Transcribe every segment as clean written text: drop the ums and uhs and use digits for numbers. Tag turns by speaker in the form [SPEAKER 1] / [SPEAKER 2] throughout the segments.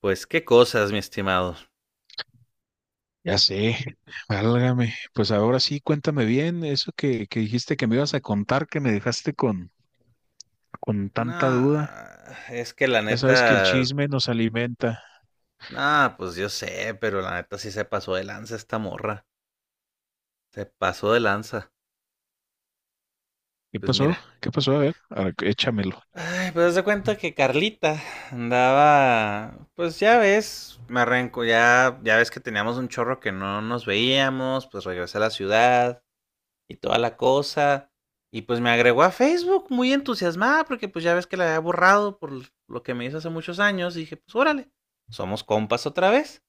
[SPEAKER 1] Pues qué cosas, mi estimado.
[SPEAKER 2] Ya sé, válgame. Pues ahora sí, cuéntame bien eso que dijiste que me ibas a contar, que me dejaste con
[SPEAKER 1] No,
[SPEAKER 2] tanta duda.
[SPEAKER 1] es que la
[SPEAKER 2] Ya sabes que el
[SPEAKER 1] neta,
[SPEAKER 2] chisme nos alimenta.
[SPEAKER 1] no, pues yo sé, pero la neta sí se pasó de lanza esta morra. Se pasó de lanza.
[SPEAKER 2] ¿Qué
[SPEAKER 1] Pues mira.
[SPEAKER 2] pasó? ¿Qué pasó? A ver, échamelo.
[SPEAKER 1] Ay, pues haz de cuenta que Carlita andaba, pues ya ves, me arranco, ya ves que teníamos un chorro que no nos veíamos, pues regresé a la ciudad, y toda la cosa. Y pues me agregó a Facebook muy entusiasmada porque pues ya ves que la había borrado por lo que me hizo hace muchos años. Y dije, pues órale, somos compas otra vez.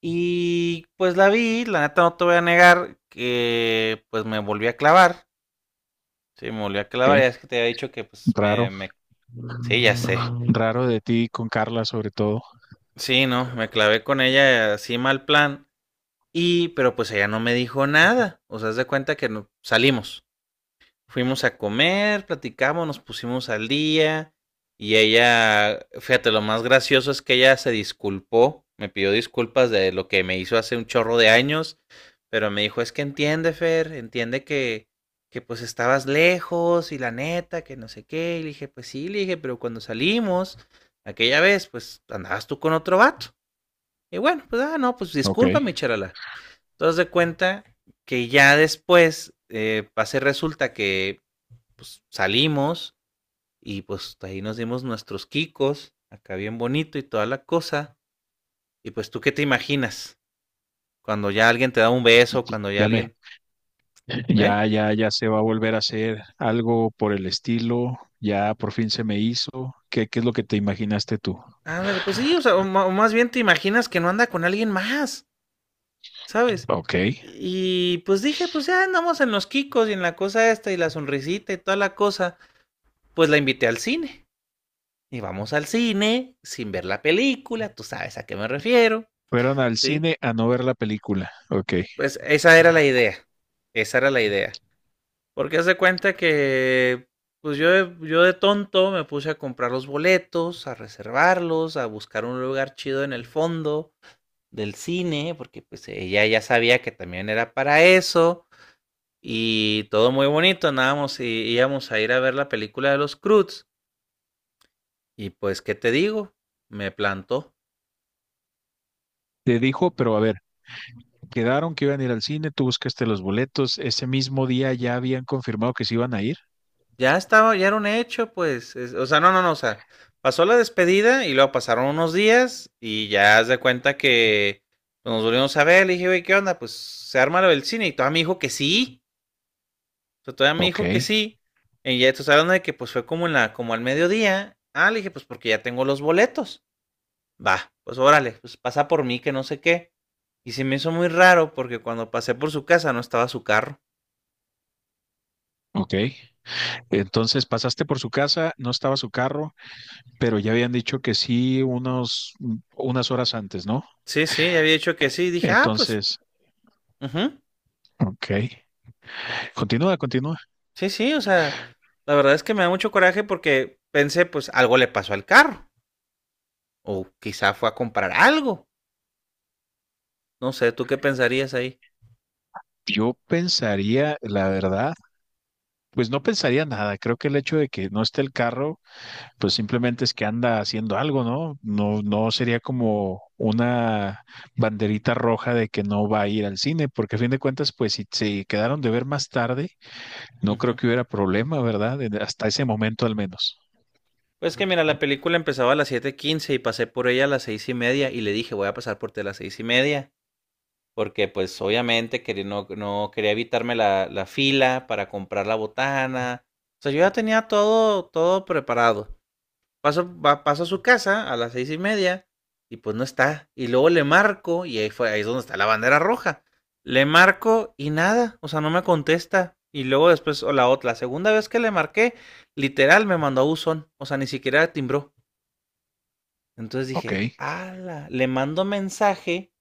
[SPEAKER 1] Y pues la vi, la neta no te voy a negar que pues me volví a clavar. Sí, me volví a clavar,
[SPEAKER 2] Ok,
[SPEAKER 1] ya es que te había dicho que pues
[SPEAKER 2] raro.
[SPEAKER 1] Sí, ya sé.
[SPEAKER 2] Raro de ti con Carla sobre todo.
[SPEAKER 1] Sí, no, me clavé con ella así mal plan. Y, pero pues ella no me dijo nada. O sea, haz de cuenta que no, salimos. Fuimos a comer, platicamos, nos pusimos al día y ella, fíjate, lo más gracioso es que ella se disculpó, me pidió disculpas de lo que me hizo hace un chorro de años, pero me dijo, es que entiende, Fer, entiende que pues estabas lejos y la neta, que no sé qué, y le dije, pues sí, le dije, pero cuando salimos aquella vez, pues andabas tú con otro vato. Y bueno, pues ah, no, pues
[SPEAKER 2] Ok,
[SPEAKER 1] discúlpame, charala. Entonces de cuenta que ya después pase resulta que pues salimos y pues ahí nos dimos nuestros quicos, acá bien bonito y toda la cosa. Y pues tú qué te imaginas cuando ya alguien te da un beso, cuando ya
[SPEAKER 2] ya me,
[SPEAKER 1] alguien, ¿eh?
[SPEAKER 2] ya, ya, ya se va a volver a hacer algo por el estilo. Ya por fin se me hizo. ¿Qué, qué es lo que te imaginaste tú?
[SPEAKER 1] Ándale, pues sí, o sea, o más bien te imaginas que no anda con alguien más, ¿sabes?
[SPEAKER 2] Ok.
[SPEAKER 1] Y pues dije, pues ya andamos en los quicos y en la cosa esta y la sonrisita y toda la cosa, pues la invité al cine. Y vamos al cine sin ver la película, tú sabes a qué me refiero,
[SPEAKER 2] Fueron al
[SPEAKER 1] ¿sí?
[SPEAKER 2] cine a no ver la película. Ok.
[SPEAKER 1] Pues esa era la idea, esa era la idea. Porque haz de cuenta que, pues yo, yo de tonto me puse a comprar los boletos, a reservarlos, a buscar un lugar chido en el fondo del cine, porque pues ella ya sabía que también era para eso. Y todo muy bonito, andábamos y íbamos a ir a ver la película de los Croods. Y pues, ¿qué te digo? Me plantó.
[SPEAKER 2] Te dijo, pero a ver, quedaron que iban a ir al cine, tú buscaste los boletos, ese mismo día ya habían confirmado que se iban a ir.
[SPEAKER 1] Ya estaba, ya era un hecho, pues. O sea, no, o sea, pasó la despedida y luego pasaron unos días y ya haz de cuenta que pues, nos volvimos a ver. Le dije, güey, ¿qué onda? Pues se arma lo del cine y todavía me dijo que sí. O sea, todavía me
[SPEAKER 2] Ok,
[SPEAKER 1] dijo que sí. Y ya estás hablando de que pues fue como en la, como al mediodía. Ah, le dije, pues porque ya tengo los boletos. Va, pues órale, pues pasa por mí que no sé qué. Y se me hizo muy raro porque cuando pasé por su casa no estaba su carro.
[SPEAKER 2] ok. Entonces pasaste por su casa, no estaba su carro, pero ya habían dicho que sí unos, unas horas antes, ¿no?
[SPEAKER 1] Sí, ya había dicho que sí. Dije, ah, pues,
[SPEAKER 2] Entonces,
[SPEAKER 1] ujú.
[SPEAKER 2] ok. Continúa, continúa.
[SPEAKER 1] Sí, o sea, la verdad es que me da mucho coraje porque pensé, pues algo le pasó al carro. O quizá fue a comprar algo. No sé, ¿tú qué pensarías ahí?
[SPEAKER 2] Yo pensaría, la verdad, pues no pensaría nada. Creo que el hecho de que no esté el carro pues simplemente es que anda haciendo algo, ¿no? No, no sería como una banderita roja de que no va a ir al cine, porque a fin de cuentas, pues si se quedaron de ver más tarde, no creo
[SPEAKER 1] Ujú.
[SPEAKER 2] que hubiera problema, ¿verdad? Hasta ese momento al menos.
[SPEAKER 1] Pues que mira, la película empezaba a las 7:15 y pasé por ella a las 6:30 y le dije, voy a pasar por ti a las 6:30. Porque pues obviamente quería, no, no quería evitarme la fila para comprar la botana. O sea, yo ya tenía todo, todo preparado. Paso, va, paso a su casa a las 6:30 y pues no está. Y luego le marco y ahí, fue, ahí es donde está la bandera roja. Le marco y nada, o sea, no me contesta. Y luego después, o la otra, la segunda vez que le marqué, literal me mandó a buzón, o sea, ni siquiera timbró. Entonces dije,
[SPEAKER 2] Ok.
[SPEAKER 1] ala, le mando mensaje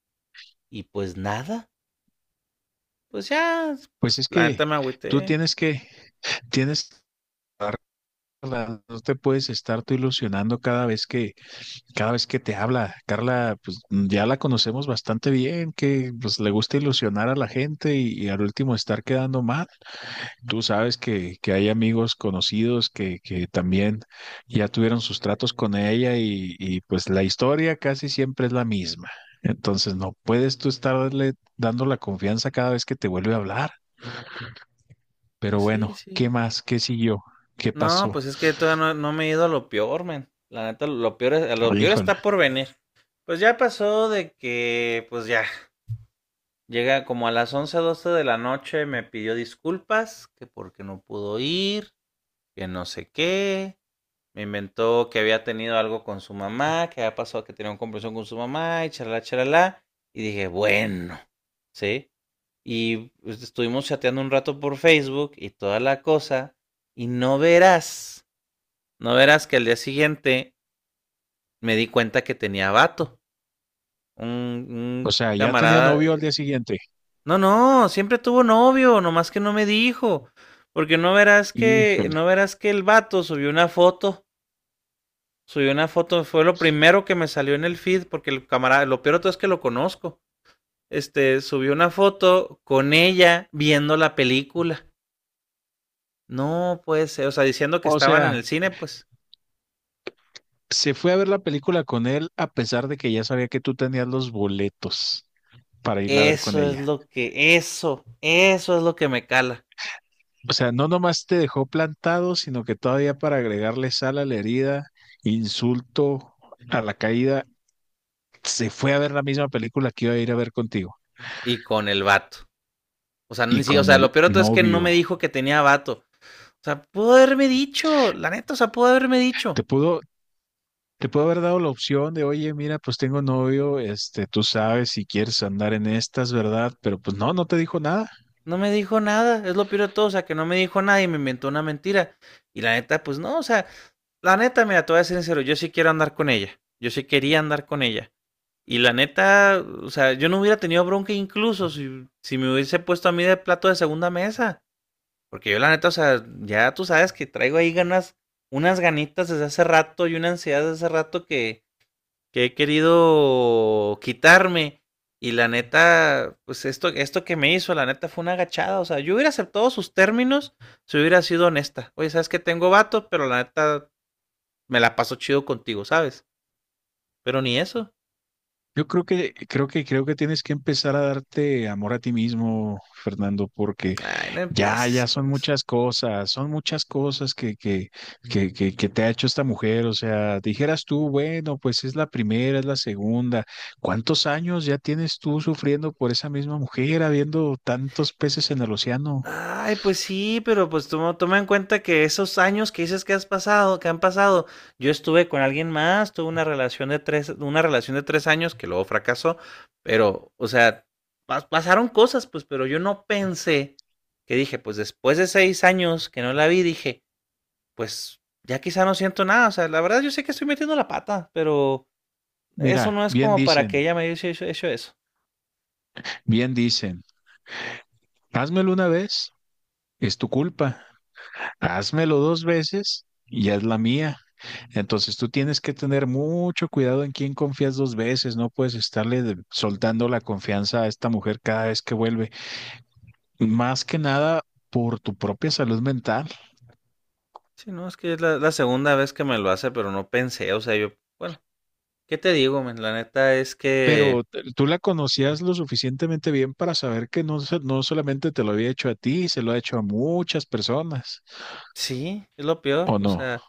[SPEAKER 1] y pues nada. Pues ya,
[SPEAKER 2] Pues
[SPEAKER 1] pues
[SPEAKER 2] es
[SPEAKER 1] la neta
[SPEAKER 2] que
[SPEAKER 1] me
[SPEAKER 2] tú
[SPEAKER 1] agüité.
[SPEAKER 2] tienes tienes que darla, no te puedes estar tú ilusionando cada vez cada vez que te habla. Carla, pues ya la conocemos bastante bien, que pues le gusta ilusionar a la gente y al último estar quedando mal. Tú sabes que hay amigos conocidos que también ya tuvieron sus tratos con ella y pues la historia casi siempre es la misma. Entonces no puedes tú estarle dando la confianza cada vez que te vuelve a hablar. Pero
[SPEAKER 1] Pues sí,
[SPEAKER 2] bueno, ¿qué
[SPEAKER 1] sí.
[SPEAKER 2] más? ¿Qué siguió? ¿Qué
[SPEAKER 1] No, pues
[SPEAKER 2] pasó?
[SPEAKER 1] es que todavía no, no me he ido a lo peor, men. La neta, lo peor, lo peor
[SPEAKER 2] Híjole.
[SPEAKER 1] está por venir. Pues ya pasó de que, pues ya, llega como a las 11, 12 de la noche, me pidió disculpas, que porque no pudo ir, que no sé qué. Me inventó que había tenido algo con su mamá, que había pasado que tenía una conversación con su mamá y charla, charla. Y dije, bueno, ¿sí? Y pues, estuvimos chateando un rato por Facebook y toda la cosa. Y no verás, no verás que al día siguiente me di cuenta que tenía vato. Un,
[SPEAKER 2] O
[SPEAKER 1] un
[SPEAKER 2] sea, ya tenía
[SPEAKER 1] camarada.
[SPEAKER 2] novio al día siguiente.
[SPEAKER 1] No, no, siempre tuvo novio, nomás que no me dijo, porque no verás que,
[SPEAKER 2] Híjole.
[SPEAKER 1] no verás que el vato subió una foto, fue lo primero que me salió en el feed, porque el camarada, lo peor de todo es que lo conozco, este, subió una foto con ella viendo la película, no puede ser, o sea, diciendo que
[SPEAKER 2] O
[SPEAKER 1] estaban en
[SPEAKER 2] sea,
[SPEAKER 1] el cine, pues,
[SPEAKER 2] se fue a ver la película con él a pesar de que ya sabía que tú tenías los boletos para irla a ver con
[SPEAKER 1] eso es
[SPEAKER 2] ella.
[SPEAKER 1] lo que, eso es lo que me cala,
[SPEAKER 2] O sea, no nomás te dejó plantado, sino que todavía para agregarle sal a la herida, insulto a la caída, se fue a ver la misma película que iba a ir a ver contigo
[SPEAKER 1] y con el vato, o sea,
[SPEAKER 2] y
[SPEAKER 1] ni si- o
[SPEAKER 2] con
[SPEAKER 1] sea, lo
[SPEAKER 2] el
[SPEAKER 1] peor de todo es que no me
[SPEAKER 2] novio.
[SPEAKER 1] dijo que tenía vato. O sea, pudo haberme dicho, la neta, o sea, pudo haberme
[SPEAKER 2] Te
[SPEAKER 1] dicho.
[SPEAKER 2] pudo, te pudo haber dado la opción de, oye, mira, pues tengo novio, este, tú sabes si quieres andar en estas, ¿verdad? Pero pues no, no te dijo nada.
[SPEAKER 1] No me dijo nada, es lo peor de todo, o sea, que no me dijo nada y me inventó una mentira. Y la neta, pues no, o sea, la neta, mira, te voy a ser sincero, yo sí quiero andar con ella, yo sí quería andar con ella. Y la neta, o sea, yo no hubiera tenido bronca incluso si me hubiese puesto a mí de plato de segunda mesa. Porque yo la neta, o sea, ya tú sabes que traigo ahí ganas, unas ganitas desde hace rato y una ansiedad desde hace rato que he querido quitarme. Y la neta, pues esto que me hizo, la neta fue una agachada. O sea, yo hubiera aceptado sus términos si hubiera sido honesta. Oye, sabes que tengo vato, pero la neta me la paso chido contigo, ¿sabes? Pero ni eso.
[SPEAKER 2] Yo creo creo creo que tienes que empezar a darte amor a ti mismo, Fernando, porque
[SPEAKER 1] Ay, no
[SPEAKER 2] ya,
[SPEAKER 1] empieces
[SPEAKER 2] ya
[SPEAKER 1] con eso.
[SPEAKER 2] son muchas cosas que te ha hecho esta mujer. O sea, dijeras tú, bueno, pues es la primera, es la segunda. ¿Cuántos años ya tienes tú sufriendo por esa misma mujer, habiendo tantos peces en el océano?
[SPEAKER 1] Ay, pues sí, pero pues toma, toma en cuenta que esos años que dices que has pasado, que han pasado, yo estuve con alguien más, tuve una relación de tres, una relación de 3 años que luego fracasó, pero, o sea, pasaron cosas, pues, pero yo no pensé que dije, pues después de 6 años que no la vi, dije, pues ya quizá no siento nada, o sea, la verdad yo sé que estoy metiendo la pata, pero eso
[SPEAKER 2] Mira,
[SPEAKER 1] no es
[SPEAKER 2] bien
[SPEAKER 1] como para que
[SPEAKER 2] dicen,
[SPEAKER 1] ella me haya hecho eso.
[SPEAKER 2] bien dicen, házmelo una vez, es tu culpa. Házmelo dos veces, y ya es la mía. Entonces tú tienes que tener mucho cuidado en quién confías dos veces, no puedes estarle soltando la confianza a esta mujer cada vez que vuelve, más que nada por tu propia salud mental,
[SPEAKER 1] Sí, no, es que es la, la segunda vez que me lo hace, pero no pensé, o sea, yo, bueno. ¿Qué te digo, men? La neta es
[SPEAKER 2] pero
[SPEAKER 1] que
[SPEAKER 2] tú la conocías lo suficientemente bien para saber que no, no solamente te lo había hecho a ti, se lo ha hecho a muchas personas,
[SPEAKER 1] sí, es lo peor.
[SPEAKER 2] ¿o
[SPEAKER 1] O
[SPEAKER 2] no?
[SPEAKER 1] sea,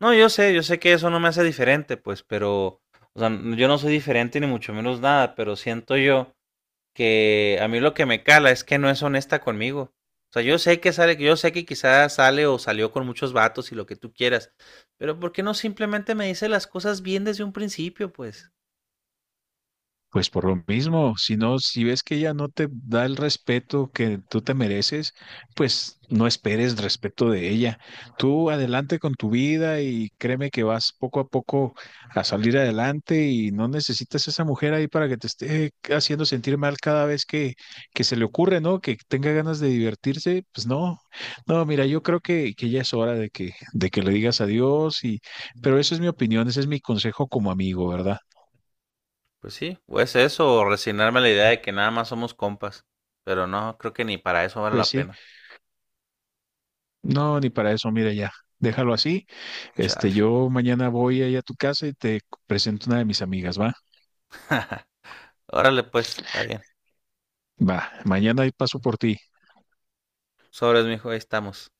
[SPEAKER 1] no, yo sé que eso no me hace diferente, pues, pero, o sea, yo no soy diferente ni mucho menos nada, pero siento yo que a mí lo que me cala es que no es honesta conmigo. O sea, yo sé que sale, yo sé que quizás sale o salió con muchos vatos y lo que tú quieras, pero ¿por qué no simplemente me dice las cosas bien desde un principio, pues?
[SPEAKER 2] Pues por lo mismo, si no, si ves que ella no te da el respeto que tú te mereces, pues no esperes respeto de ella. Tú adelante con tu vida y créeme que vas poco a poco a salir adelante y no necesitas esa mujer ahí para que te esté haciendo sentir mal cada vez que se le ocurre, ¿no? Que tenga ganas de divertirse, pues no. No, mira, yo creo que ya es hora de de que le digas adiós y, pero eso es mi opinión, ese es mi consejo como amigo, ¿verdad?
[SPEAKER 1] Pues sí, o es eso, o resignarme a la idea de que nada más somos compas. Pero no, creo que ni para eso vale
[SPEAKER 2] Pues
[SPEAKER 1] la
[SPEAKER 2] sí.
[SPEAKER 1] pena.
[SPEAKER 2] No, ni para eso, mira ya, déjalo así.
[SPEAKER 1] Chale.
[SPEAKER 2] Este, yo mañana voy ahí a tu casa y te presento una de mis amigas, ¿va?
[SPEAKER 1] Órale, pues, está bien.
[SPEAKER 2] Va, mañana ahí paso por ti.
[SPEAKER 1] Sobres, mijo, ahí estamos.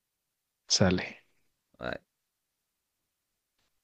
[SPEAKER 2] Sale.
[SPEAKER 1] Ay.